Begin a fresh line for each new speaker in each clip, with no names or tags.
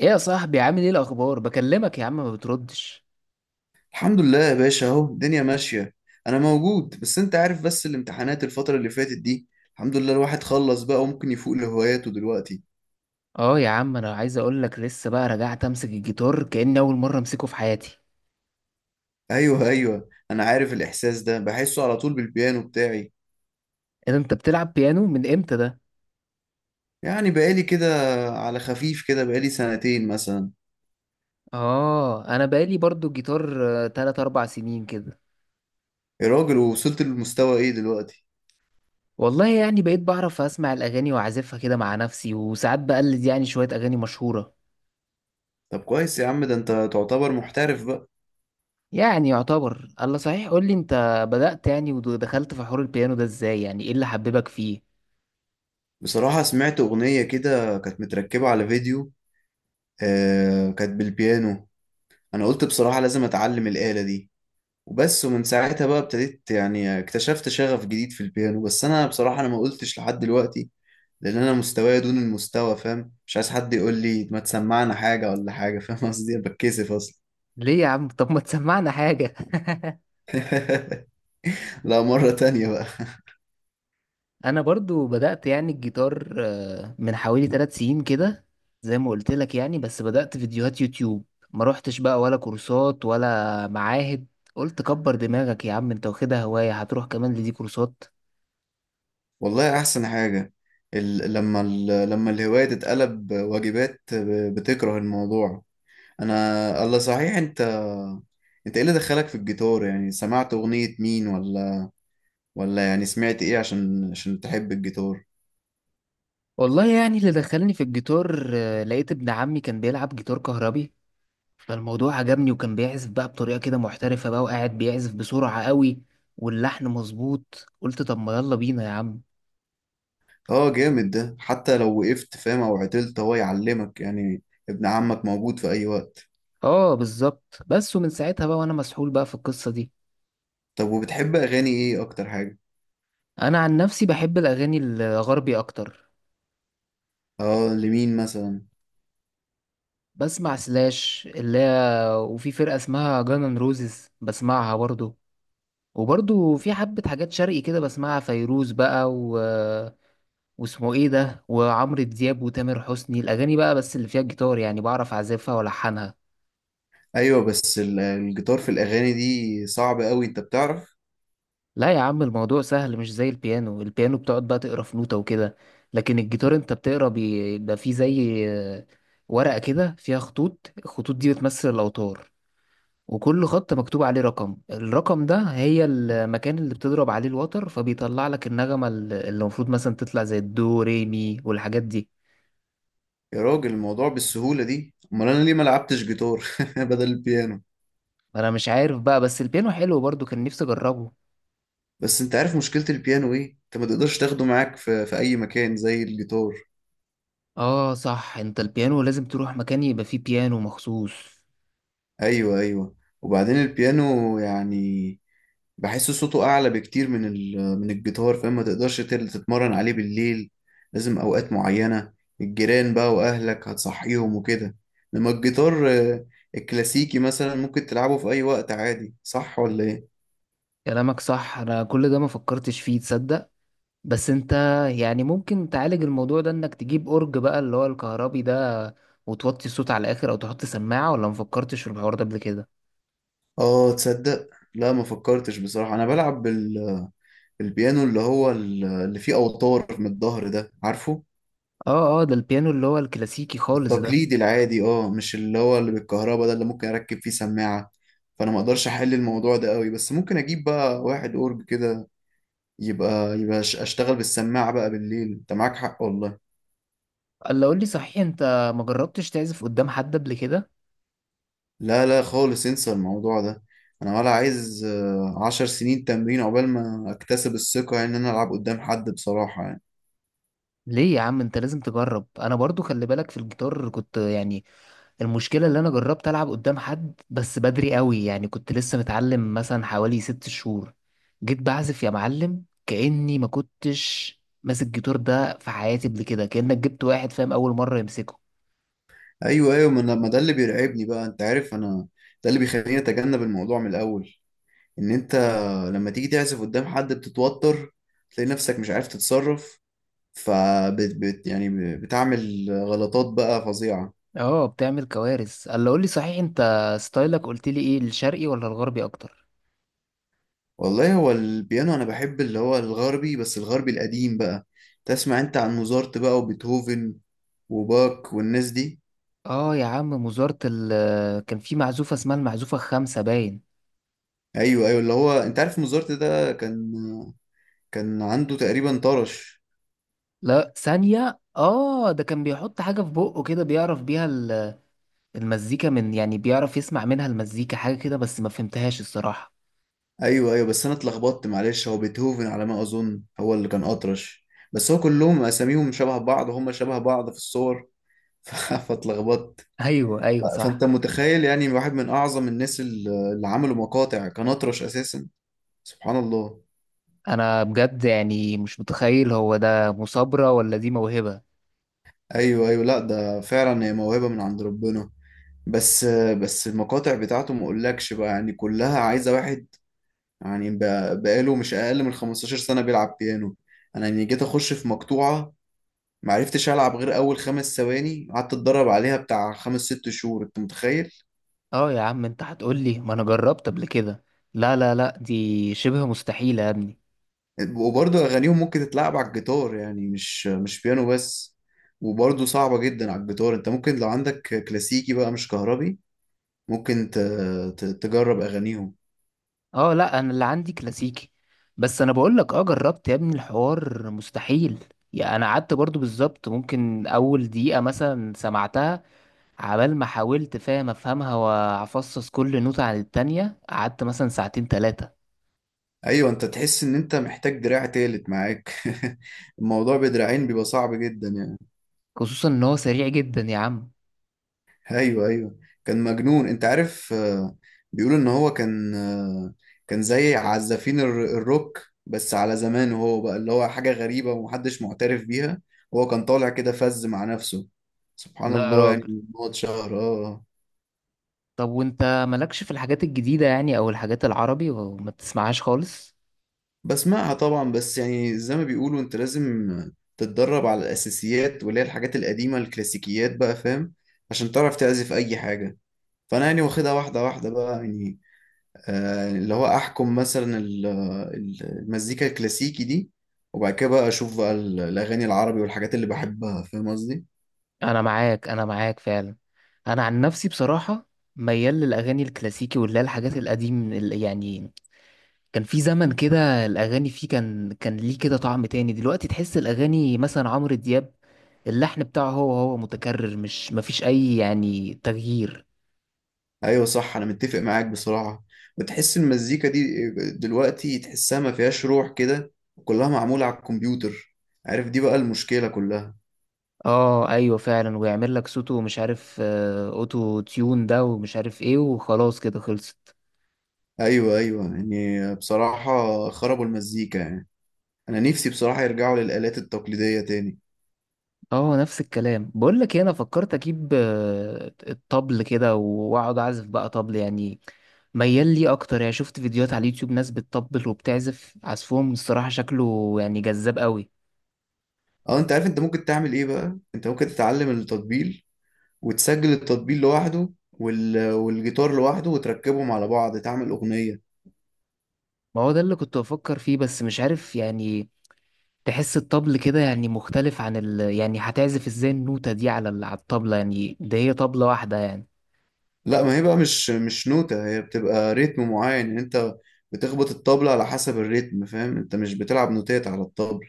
ايه يا صاحبي؟ عامل ايه الاخبار؟ بكلمك يا عم ما بتردش.
الحمد لله يا باشا، اهو الدنيا ماشية. انا موجود، بس انت عارف بس الامتحانات الفترة اللي فاتت دي. الحمد لله الواحد خلص بقى وممكن يفوق لهواياته دلوقتي.
اه يا عم، انا عايز اقول لك لسه بقى رجعت امسك الجيتار كأني اول مره امسكه في حياتي.
ايوه انا عارف الاحساس ده، بحسه على طول بالبيانو بتاعي.
ايه ده؟ انت بتلعب بيانو من امتى ده؟
يعني بقالي كده، على خفيف كده بقالي سنتين مثلا.
اه، انا بقالي برضو جيتار، تلات اربع سنين كده.
يا راجل ووصلت للمستوى ايه دلوقتي؟
والله يعني بقيت بعرف اسمع الاغاني واعزفها كده مع نفسي، وساعات بقلد يعني شويه اغاني مشهوره.
طب كويس يا عم، ده انت تعتبر محترف بقى.
يعني يعتبر. الله صحيح، قول لي انت بدأت يعني ودخلت في حوار البيانو ده ازاي؟ يعني ايه اللي حببك فيه؟
بصراحة سمعت اغنية كده كانت متركبة على فيديو. آه كانت بالبيانو. انا قلت بصراحة لازم اتعلم الآلة دي. وبس، ومن ساعتها بقى ابتديت يعني اكتشفت شغف جديد في البيانو. بس انا بصراحة ما قلتش لحد دلوقتي، لان انا مستواي دون المستوى فاهم، مش عايز حد يقول لي ما تسمعنا حاجة ولا حاجة، فاهم قصدي؟ أنا بتكسف اصلا.
ليه يا عم؟ طب ما تسمعنا حاجه.
لا، مرة تانية بقى.
انا برضو بدأت يعني الجيتار من حوالي 3 سنين كده. زي ما قلت لك يعني، بس بدأت فيديوهات يوتيوب. ما روحتش بقى ولا كورسات ولا معاهد. قلت كبر دماغك يا عم، انت واخدها هواية هتروح كمان لدي كورسات.
والله احسن حاجة. لما الهواية تتقلب واجبات بتكره الموضوع. انا. الله، صحيح انت، انت ايه اللي دخلك في الجيتار؟ يعني سمعت اغنية مين؟ ولا ولا يعني سمعت ايه عشان عشان تحب الجيتار؟
والله يعني اللي دخلني في الجيتار، لقيت ابن عمي كان بيلعب جيتار كهربي. فالموضوع عجبني، وكان بيعزف بقى بطريقة كده محترفة بقى وقاعد بيعزف بسرعة قوي. واللحن مظبوط. قلت طب ما يلا بينا يا عم.
اه جامد، ده حتى لو وقفت فاهم او عطلت هو يعلمك يعني. ابن عمك موجود في اي وقت؟
اه بالظبط. بس ومن ساعتها بقى وانا مسحول بقى في القصة دي.
طب وبتحب اغاني ايه اكتر حاجة؟
انا عن نفسي بحب الاغاني الغربي اكتر.
اه لمين مثلا؟
بسمع سلاش اللي هي. وفي فرقه اسمها جانن روزز بسمعها برضو. وبرضو في حبه حاجات شرقي كده بسمعها فيروز بقى و واسمه ايه ده، وعمرو دياب وتامر حسني، الاغاني بقى بس اللي فيها الجيتار يعني بعرف اعزفها والحنها.
ايوه، بس الجيتار في الاغاني دي صعب قوي، انت بتعرف؟
لا يا عم، الموضوع سهل مش زي البيانو. البيانو بتقعد بقى تقرا في نوتة وكده. لكن الجيتار انت بتقرا بيبقى فيه زي ورقة كده فيها خطوط. الخطوط دي بتمثل الأوتار. وكل خط مكتوب عليه رقم. الرقم ده هي المكان اللي بتضرب عليه الوتر فبيطلع لك النغمة اللي المفروض مثلا تطلع زي الدو ري مي والحاجات دي.
يا راجل الموضوع بالسهولة دي؟ امال انا ليه ما لعبتش جيتار بدل البيانو؟
انا مش عارف بقى، بس البيانو حلو برضو كان نفسي اجربه.
بس انت عارف مشكلة البيانو ايه؟ انت ما تقدرش تاخده معاك في اي مكان زي الجيتار.
اه صح، انت البيانو لازم تروح مكان يبقى فيه بيانو مخصوص.
ايوه. وبعدين البيانو يعني بحس صوته اعلى بكتير من من الجيتار، فاهم؟ ما تقدرش تتمرن عليه بالليل، لازم اوقات معينة. الجيران بقى واهلك هتصحيهم وكده. لما الجيتار الكلاسيكي مثلا ممكن تلعبه في اي وقت عادي، صح ولا ايه؟
كلامك صح، انا كل ده ما فكرتش فيه تصدق. بس انت يعني ممكن تعالج الموضوع ده انك تجيب اورج بقى اللي هو الكهربي ده. وتوطي الصوت على الاخر او تحط سماعة. ولا مفكرتش في الحوار ده قبل كده؟
اه تصدق، لا ما فكرتش بصراحة. انا بلعب بالبيانو اللي هو اللي فيه اوتار من الظهر ده، عارفه؟
اه، اه، ده البيانو اللي هو الكلاسيكي خالص ده.
التقليدي العادي، اه، مش اللي هو اللي بالكهرباء ده اللي ممكن اركب فيه سماعة. فانا ما اقدرش احل الموضوع ده قوي، بس ممكن اجيب بقى واحد اورج كده، يبقى اشتغل بالسماعة بقى بالليل. انت معاك حق والله.
قال له قول لي صحيح، انت ما جربتش تعزف قدام حد قبل كده؟
لا لا خالص، انسى الموضوع ده. انا ولا عايز عشر سنين تمرين عقبال ما اكتسب الثقة يعني ان انا العب قدام حد، بصراحة يعني.
ليه يا عم؟ انت لازم تجرب. انا برضو خلي بالك في الجيتار كنت يعني. المشكلة اللي انا جربت العب قدام حد بس بدري قوي يعني، كنت لسه متعلم مثلا حوالي 6 شهور. جيت بعزف يا معلم كأني ما كنتش ماسك جيتار ده في حياتي قبل كده، كأنك جبت واحد فاهم اول مرة يمسكه.
ايوه ما ده اللي بيرعبني بقى، انت عارف انا، ده اللي بيخليني اتجنب الموضوع من الاول. ان انت لما تيجي تعزف قدام حد بتتوتر، تلاقي نفسك مش عارف تتصرف، فبت بت يعني بتعمل غلطات بقى فظيعة.
اه بتعمل كوارث. قال له قول لي صحيح، انت ستايلك قلت لي ايه؟ الشرقي ولا الغربي اكتر؟
والله هو البيانو انا بحب اللي هو الغربي، بس الغربي القديم بقى. تسمع انت عن موزارت بقى وبيتهوفن وباك والناس دي؟
اه يا عم، وزارة كان في معزوفة اسمها المعزوفة الخامسة باين.
ايوه اللي هو انت عارف موزارت ده كان، كان عنده تقريبا طرش.
لا ثانية، اه ده كان بيحط حاجة في بقه كده بيعرف بيها المزيكا، من يعني بيعرف يسمع منها المزيكا حاجة كده بس ما فهمتهاش الصراحة.
ايوه بس انا اتلخبطت معلش، هو بيتهوفن على ما اظن هو اللي كان اطرش. بس هو كلهم اساميهم شبه بعض، هم شبه بعض في الصور. فاتلخبطت.
ايوه، ايوه،
فانت
صح.
متخيل يعني واحد من اعظم الناس اللي عملوا مقاطع كان اطرش اساسا، سبحان الله.
انا بجد يعني مش متخيل، هو ده مثابرة ولا دي موهبة؟
ايوه لا ده فعلا هي موهبة من عند ربنا. بس بس المقاطع بتاعته ما اقولكش بقى، يعني كلها عايزة واحد يعني بقاله مش اقل من 15 سنة بيلعب بيانو. انا يعني جيت اخش في مقطوعة، معرفتش العب غير اول خمس ثواني، قعدت اتدرب عليها بتاع خمس ست شهور، انت متخيل؟
اه يا عم، انت هتقولي ما انا جربت قبل كده. لا، لا، لا، دي شبه مستحيلة يا ابني.
وبرضه اغانيهم ممكن تتلعب على الجيتار، يعني مش بيانو بس. وبرضه صعبة جدا على الجيتار. انت ممكن لو عندك كلاسيكي بقى مش كهربي ممكن تجرب اغانيهم.
اه لا، انا اللي عندي كلاسيكي. بس انا بقول لك، اه جربت يا ابني، الحوار مستحيل. يعني انا قعدت برضو بالظبط ممكن اول دقيقة مثلا سمعتها. عبال ما حاولت فاهم افهمها وافصص كل نوتة عن التانية، قعدت مثلا ساعتين تلاتة.
ايوه، انت تحس ان انت محتاج دراع تالت معاك. الموضوع بدراعين بيبقى صعب جدا يعني.
خصوصا ان هو سريع جدا يا عم.
ايوه كان مجنون، انت عارف بيقولوا ان هو كان، كان زي عزافين الروك، بس على زمانه هو بقى اللي هو حاجة غريبة ومحدش معترف بيها. هو كان طالع كده فز مع نفسه، سبحان
لا يا
الله يعني.
راجل.
هو اتشهر اه. آه.
طب وانت مالكش في الحاجات الجديدة يعني، او الحاجات العربي وما بتسمعهاش خالص؟
بسمعها طبعا، بس يعني زي ما بيقولوا انت لازم تتدرب على الاساسيات واللي هي الحاجات القديمة الكلاسيكيات بقى، فاهم؟ عشان تعرف تعزف اي حاجة. فانا يعني واخدها واحدة واحدة بقى يعني، اللي هو احكم مثلا المزيكا الكلاسيكي دي، وبعد كده بقى اشوف بقى الاغاني العربي والحاجات اللي بحبها، فاهم قصدي؟
انا معاك، انا معاك فعلا. انا عن نفسي بصراحه ميال للاغاني الكلاسيكي واللي هي الحاجات القديم يعني. كان في زمن كده الاغاني فيه كان ليه كده طعم تاني. دلوقتي تحس الاغاني مثلا عمرو دياب، اللحن بتاعه هو هو متكرر، مش مفيش اي يعني تغيير.
ايوه صح انا متفق معاك بصراحه. بتحس المزيكا دي دلوقتي تحسها ما فيهاش روح كده، كلها معموله على الكمبيوتر، عارف؟ دي بقى المشكله كلها.
اه ايوه فعلا، ويعمل لك صوته مش عارف اوتو تيون ده ومش عارف ايه، وخلاص كده خلصت.
ايوه يعني بصراحه خربوا المزيكا يعني. انا نفسي بصراحه يرجعوا للالات التقليديه تاني.
اه نفس الكلام، بقول لك إيه، انا فكرت اجيب الطبل كده واقعد اعزف بقى طبل يعني. ميال لي اكتر يعني. شفت فيديوهات على اليوتيوب ناس بتطبل وبتعزف عزفهم، الصراحة شكله يعني جذاب قوي.
اه انت عارف انت ممكن تعمل ايه بقى؟ انت ممكن تتعلم التطبيل وتسجل التطبيق لوحده والجيتار لوحده وتركبهم على بعض تعمل أغنية.
ما هو ده اللي كنت بفكر فيه بس مش عارف يعني. تحس الطبل كده يعني مختلف عن يعني هتعزف ازاي النوتة دي على على الطبلة يعني، ده هي طبلة واحدة يعني.
لا ما هي بقى مش نوتة، هي بتبقى ريتم معين. يعني انت بتخبط الطبلة على حسب الريتم، فاهم؟ انت مش بتلعب نوتات على الطبل،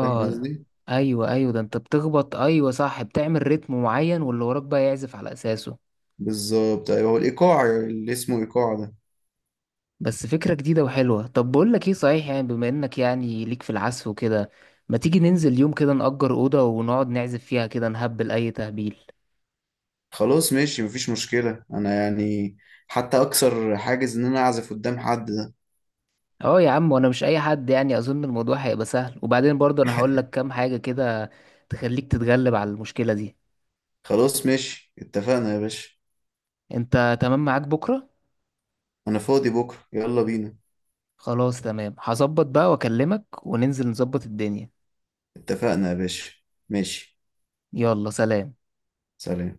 فاهم قصدي؟
ايوه، ايوه، ده انت بتخبط. ايوه صح، بتعمل رتم معين واللي وراك بقى يعزف على اساسه.
بالظبط ايوه، هو الإيقاع اللي اسمه إيقاع ده.
بس فكرة جديدة وحلوة. طب بقول لك ايه صحيح، يعني بما انك يعني ليك في العزف وكده، ما تيجي ننزل يوم كده نأجر أوضة ونقعد نعزف فيها كده نهبل أي تهبيل.
خلاص ماشي مفيش مشكلة، انا يعني حتى اكسر حاجز ان انا اعزف قدام حد ده.
اه يا عم، وانا مش اي حد يعني، اظن الموضوع هيبقى سهل. وبعدين برضه انا هقول لك كام حاجة كده تخليك تتغلب على المشكلة دي.
خلاص ماشي، اتفقنا يا باشا.
انت تمام؟ معاك بكرة؟
انا فاضي بكرة، يلا بينا.
خلاص تمام، هظبط بقى واكلمك وننزل نظبط الدنيا.
اتفقنا يا باشا. ماشي.
يلا، سلام.
سلام.